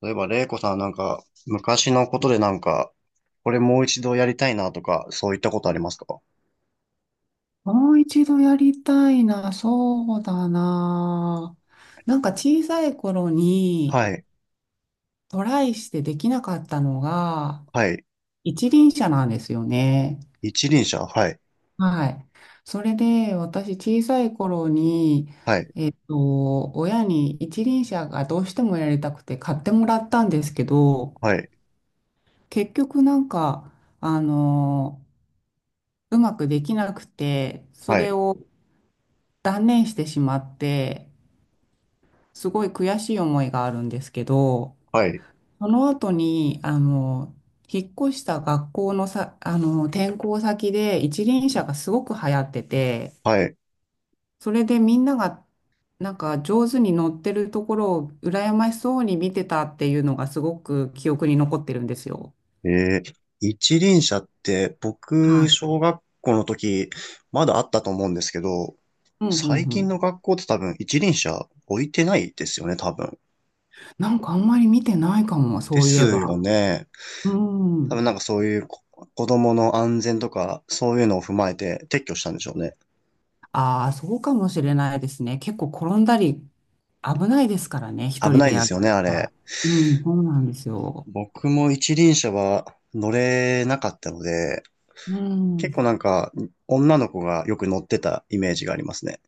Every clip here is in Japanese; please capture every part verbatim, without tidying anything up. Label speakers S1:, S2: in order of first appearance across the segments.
S1: 例えば、玲子さんなんか、昔のことでなんか、これもう一度やりたいなとか、そういったことありますか？
S2: もう一度やりたいな、そうだな。なんか小さい頃に
S1: はい、
S2: トライしてできなかったのが
S1: はい。
S2: 一輪車なんですよね。
S1: 一輪車、はい、
S2: はい。それで私小さい頃に
S1: はい、
S2: と親に一輪車がどうしてもやりたくて買ってもらったんですけど、
S1: はい、
S2: 結局なんか、あの、うまくできなくて、そ
S1: は
S2: れ
S1: い、
S2: を断念してしまって、すごい悔しい思いがあるんですけど、
S1: はい、
S2: その後に、あの、引っ越した学校のさ、あの、転校先で一輪車がすごく流行ってて、
S1: はい。
S2: それでみんながなんか上手に乗ってるところを羨ましそうに見てたっていうのがすごく記憶に残ってるんですよ。
S1: えー、一輪車って、
S2: は
S1: 僕、
S2: い。
S1: 小学校の時、まだあったと思うんですけど、
S2: うんう
S1: 最
S2: んう
S1: 近
S2: ん。
S1: の学校って多分一輪車置いてないですよね、多分。
S2: なんかあんまり見てないかも、
S1: で
S2: そういえ
S1: すよ
S2: ば。
S1: ね。
S2: う
S1: 多
S2: ん。
S1: 分なんかそういうこ子供の安全とか、そういうのを踏まえて撤去したんでしょうね。
S2: ああ、そうかもしれないですね。結構転んだり危ないですからね、一
S1: 危
S2: 人
S1: ない
S2: で
S1: で
S2: や
S1: す
S2: る
S1: よね、あ
S2: か
S1: れ。
S2: ら。うん、そうなんですよ。
S1: 僕も一輪車は乗れなかったので、
S2: う
S1: 結
S2: ん、
S1: 構なんか女の子がよく乗ってたイメージがありますね。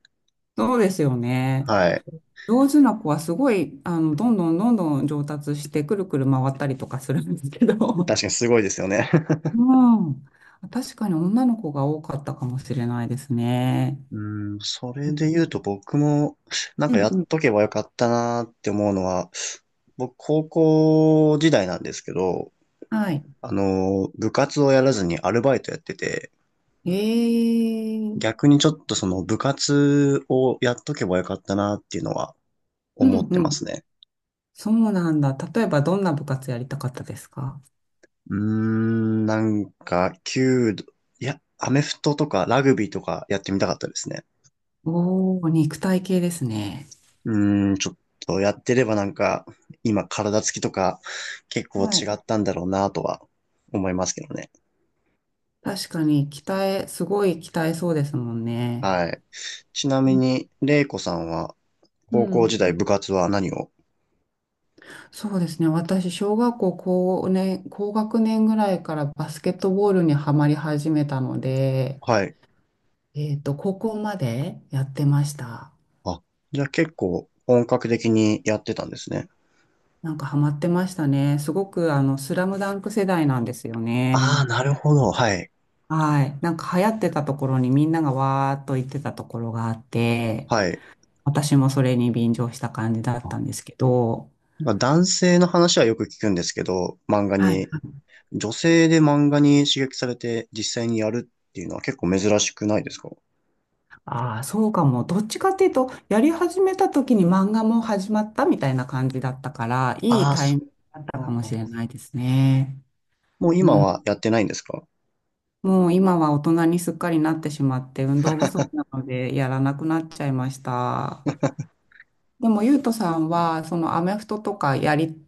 S2: そうですよね。
S1: はい。
S2: 上手な子はすごい、あの、どんどんどんどん上達して、くるくる回ったりとかするんですけど。
S1: 確かにすごいですよね。
S2: うん。確かに女の子が多かったかもしれないですね。
S1: うん、それで
S2: う
S1: 言うと僕もなんか
S2: ん
S1: や
S2: う
S1: っ
S2: ん。
S1: とけばよかったなって思うのは、僕高校時代なんですけど、
S2: はい。
S1: あの、部活をやらずにアルバイトやってて、
S2: ええうん
S1: 逆にちょっとその部活をやっとけばよかったなっていうのは思って
S2: う
S1: ま
S2: ん。
S1: すね。
S2: そうなんだ。例えばどんな部活やりたかったですか？
S1: うーん、なんか、弓道、いや、アメフトとかラグビーとかやってみたかったですね。
S2: おー、肉体系ですね。
S1: うーん、ちょっとやってればなんか、今体つきとか結構違
S2: はい。
S1: ったんだろうなとは思いますけどね。
S2: 確かに、鍛え、すごい鍛えそうですもんね。
S1: はい。ちな
S2: う
S1: み
S2: ん
S1: に、レイコさんは
S2: う
S1: 高校時
S2: ん。
S1: 代部活は何を？
S2: そうですね。私、小学校高年、高学年ぐらいからバスケットボールにはまり始めたので、
S1: はい。
S2: えっと、高校までやってました。
S1: あ、じゃあ結構本格的にやってたんですね。
S2: なんかハマってましたね。すごく、あの、スラムダンク世代なんですよ
S1: ああ、
S2: ね。
S1: なるほど。はい。
S2: はい。なんか流行ってたところにみんながわーっと行ってたところがあって、
S1: はい。
S2: 私もそれに便乗した感じだっ
S1: あ
S2: たんですけど、
S1: まあ男性の話はよく聞くんですけど、漫画
S2: はい。
S1: に女性で漫画に刺激されて実際にやるっていうのは結構珍しくないですか？
S2: ああ、そうかも。どっちかっていうと、やり始めた時に漫画も始まったみたいな感じだったから、いい
S1: ああ、
S2: タ
S1: そ
S2: イミングだったかもしれ
S1: う、
S2: ないですね。
S1: もう今
S2: うん。
S1: はやってないんですか？
S2: もう今は大人にすっかりなってしまって、運動不足なのでやらなくなっちゃいました。でも、ゆうとさんは、そのアメフトとかやり、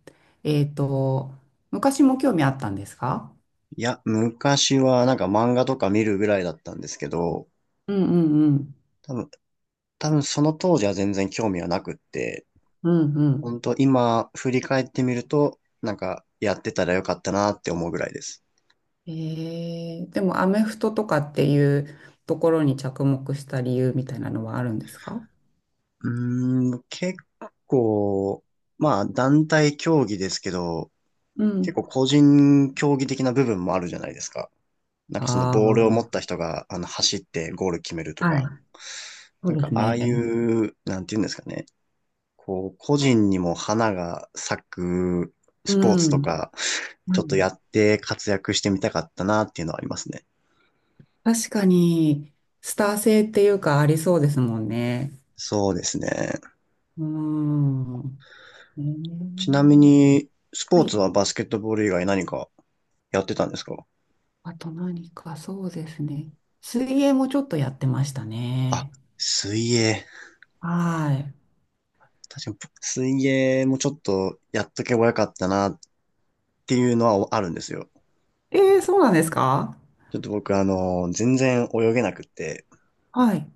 S2: えっと、昔も興味あったんですか？
S1: いや、昔はなんか漫画とか見るぐらいだったんですけど、
S2: うんうんうん。
S1: 多分、多分その当時は全然興味はなくって、
S2: うんうん。
S1: 本当今振り返ってみると、なんかやってたらよかったなって思うぐらいです。
S2: ええでもアメフトとかっていうところに着目した理由みたいなのはあるんですか？
S1: うーん、結構、まあ団体競技ですけど、
S2: う
S1: 結
S2: ん。
S1: 構個人競技的な部分もあるじゃないですか。なんかそのボールを持っ
S2: あ
S1: た人が、あの、走ってゴール決めると
S2: あ、は
S1: か、
S2: い。そ
S1: な
S2: う
S1: ん
S2: で
S1: か
S2: す
S1: ああ
S2: ね。
S1: いう、なんていうんですかね、こう、個人にも花が咲くスポー
S2: う
S1: ツと
S2: ん。
S1: か、
S2: う
S1: ちょっと
S2: ん。
S1: やって活躍してみたかったなっていうのはありますね。
S2: 確かに、スター性っていうかありそうですもんね。
S1: そうですね。
S2: うん。ね
S1: ち
S2: え、
S1: なみに、スポ
S2: は
S1: ーツ
S2: い。
S1: はバスケットボール以外何かやってたんですか？
S2: あと何か、そうですね。水泳もちょっとやってました
S1: あ、
S2: ね。
S1: 水泳。
S2: はい。
S1: 確かに、水泳もちょっとやっとけばよかったなっていうのはあるんですよ。
S2: ええ、そうなんですか？
S1: ちょっと僕、あの、全然泳げなくって、
S2: はい。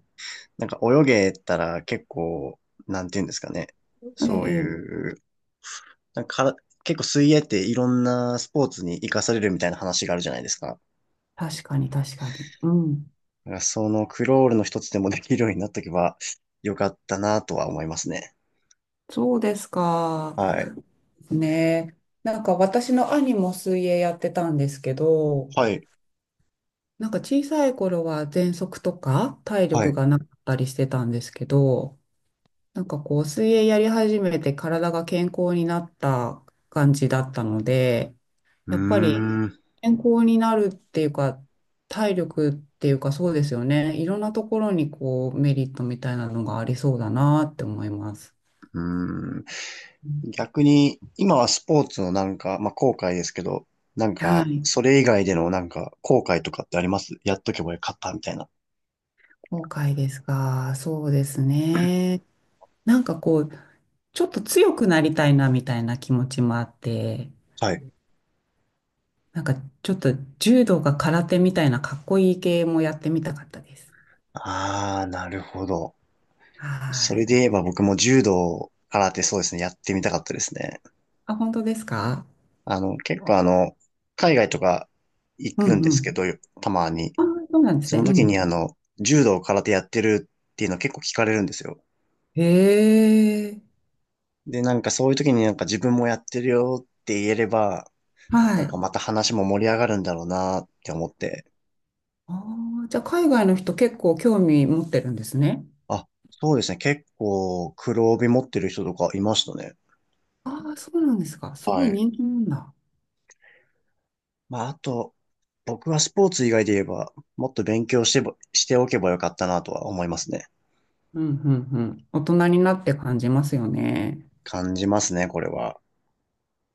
S1: なんか泳げたら結構、なんていうんですかね。
S2: え
S1: そう
S2: え、ええ、
S1: いう、なんかから結構水泳っていろんなスポーツに活かされるみたいな話があるじゃないですか。
S2: 確かに、確かに。うん。
S1: だからそのクロールの一つでもできるようになっとけばよかったなとは思いますね。
S2: そうですか。
S1: はい。
S2: ね。なんか私の兄も水泳やってたんですけど、
S1: はい。
S2: なんか小さい頃は喘息とか体
S1: はい。
S2: 力
S1: う
S2: がなかったりしてたんですけど、なんかこう水泳やり始めて体が健康になった感じだったので、
S1: ー
S2: やっぱり
S1: ん。う
S2: 健康になるっていうか、体力っていうかそうですよね。いろんなところにこうメリットみたいなのがありそうだなって思います。
S1: ーん。逆に、今はスポーツのなんか、まあ、後悔ですけど、なん
S2: は
S1: か、
S2: い。
S1: それ以外でのなんか、後悔とかってありますやっとけばよかったみたいな。
S2: 後悔ですか？そうですね。なんかこう、ちょっと強くなりたいなみたいな気持ちもあって、
S1: はい。
S2: なんかちょっと柔道か空手みたいなかっこいい系もやってみたかったです。
S1: ああ、なるほど。
S2: は
S1: それ
S2: い。
S1: で言えば僕も柔道、空手そうですね、やってみたかったですね。
S2: あ、本当ですか？
S1: あの、結構あの、海外とか行
S2: う
S1: くんで
S2: んう
S1: すけ
S2: ん。
S1: ど、たまに。
S2: あ、そうなんです
S1: そ
S2: ね。
S1: の
S2: う
S1: 時
S2: ん。
S1: にあの、柔道、空手やってるっていうの結構聞かれるんですよ。
S2: へえ。
S1: で、なんかそういう時になんか自分もやってるよって言えれば、
S2: は
S1: なんか
S2: い。
S1: また話も盛り上がるんだろうなって思って。
S2: ああ、じゃあ海外の人結構興味持ってるんですね。
S1: あ、そうですね、結構黒帯持ってる人とかいましたね。
S2: ああ、そうなんですか。すご
S1: は
S2: い人
S1: い。
S2: 気なんだ。
S1: まあ、あと、僕はスポーツ以外で言えば、もっと勉強してば、しておけばよかったなとは思いますね。
S2: うんうんうん。大人になって感じますよね。
S1: 感じますね、これは。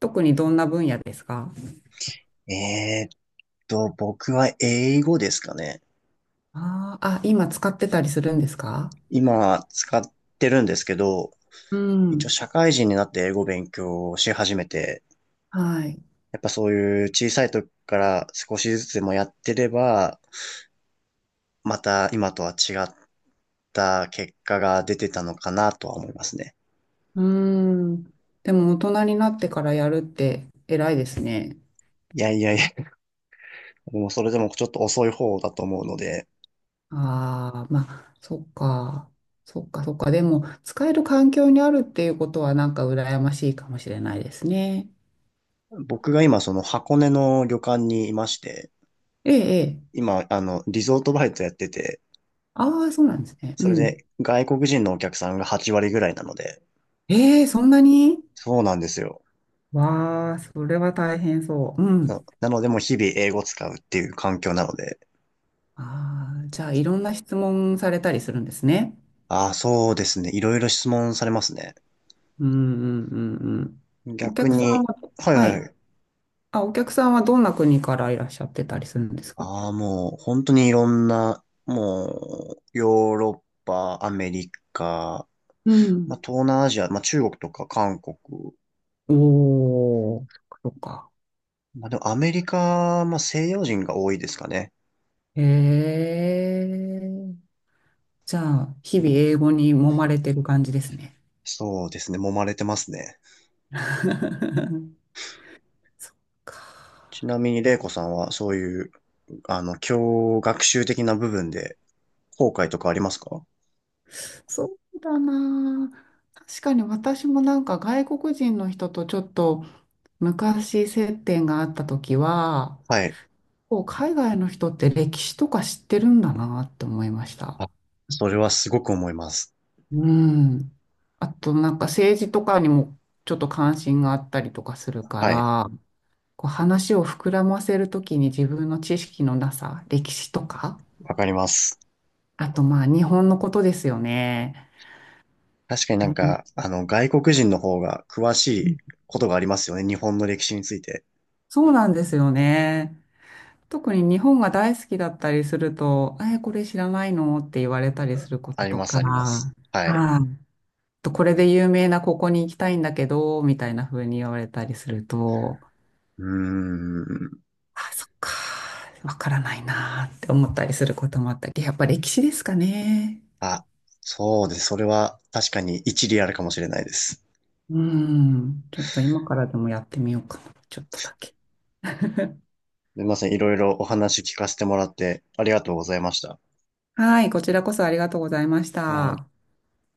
S2: 特にどんな分野ですか？
S1: えーっと、僕は英語ですかね。
S2: あーあ、今使ってたりするんですか？
S1: 今、使ってるんですけど、
S2: う
S1: 一応
S2: ん。
S1: 社会人になって英語勉強をし始めて、
S2: はい。
S1: やっぱそういう小さい時から少しずつでもやってれば、また今とは違った結果が出てたのかなとは思いますね。
S2: うーん。でも大人になってからやるって偉いですね。
S1: いやいやいや、もうそれでもちょっと遅い方だと思うので、
S2: ああ、まあ、そっか。そっか、そっか。でも、使える環境にあるっていうことはなんか羨ましいかもしれないですね。
S1: 僕が今、その箱根の旅館にいまして、
S2: ええ、ええ。
S1: 今、あの、リゾートバイトやってて、
S2: ああ、そうなんですね。う
S1: それ
S2: ん。
S1: で外国人のお客さんがはち割ぐらいなので、
S2: ええ、そんなに？
S1: そうなんですよ。
S2: わあ、それは大変そう。う
S1: な、
S2: ん。
S1: なので、もう日々英語使うっていう環境なので、
S2: ああ、じゃあいろんな質問されたりするんですね。
S1: ああ、そうですね。いろいろ質問されますね。
S2: うんうんうんうん。お
S1: 逆
S2: 客さん
S1: に、
S2: は、
S1: はい
S2: は
S1: はい
S2: い。
S1: はい。
S2: あ、お客さんはどんな国からいらっしゃってたりするんですか？
S1: ああ、もう、本当にいろんな、もう、ヨーロッパ、アメリカ、
S2: うん。
S1: まあ、東南アジア、まあ、中国とか韓国、
S2: おー、そっかそっか。
S1: まあ、でもアメリカ、まあ、西洋人が多いですかね。
S2: へえ。じゃあ、日々英語に揉まれてる感じですね。
S1: そうですね。揉まれてますね。
S2: そっか。
S1: ちなみに、玲子さんは、そういう、あの、教学習的な部分で、後悔とかありますか？
S2: そうだなあ。確かに私もなんか外国人の人とちょっと昔接点があった時は、
S1: はい。
S2: こう海外の人って歴史とか知ってるんだなって思いました。
S1: あ、それはすごく思います。
S2: うん。あとなんか政治とかにもちょっと関心があったりとかするか
S1: はい。
S2: ら、こう話を膨らませるときに自分の知識のなさ、歴史とか、
S1: わかります。
S2: あとまあ日本のことですよね。
S1: 確かにな
S2: う
S1: ん
S2: ん。
S1: か、あの、外国人の方が詳しいことがありますよね。日本の歴史について。
S2: そうなんですよね。特に日本が大好きだったりすると、え、これ知らないのって言われたりすること
S1: あり
S2: と
S1: ます、ありま
S2: か、
S1: す。はい。
S2: はい、とこれで有名なここに行きたいんだけど、みたいな風に言われたりすると、
S1: うーん。
S2: あ、そっか、わからないなーって思ったりすることもあったり、やっぱ歴史ですかね。
S1: あ、そうです。それは確かに一理あるかもしれないです。す
S2: うん、ちょっと今からでもやってみようかな、ちょっとだけ。
S1: みません。いろいろお話聞かせてもらってありがとうございました。
S2: はい、こちらこそありがとうございまし
S1: あー
S2: た。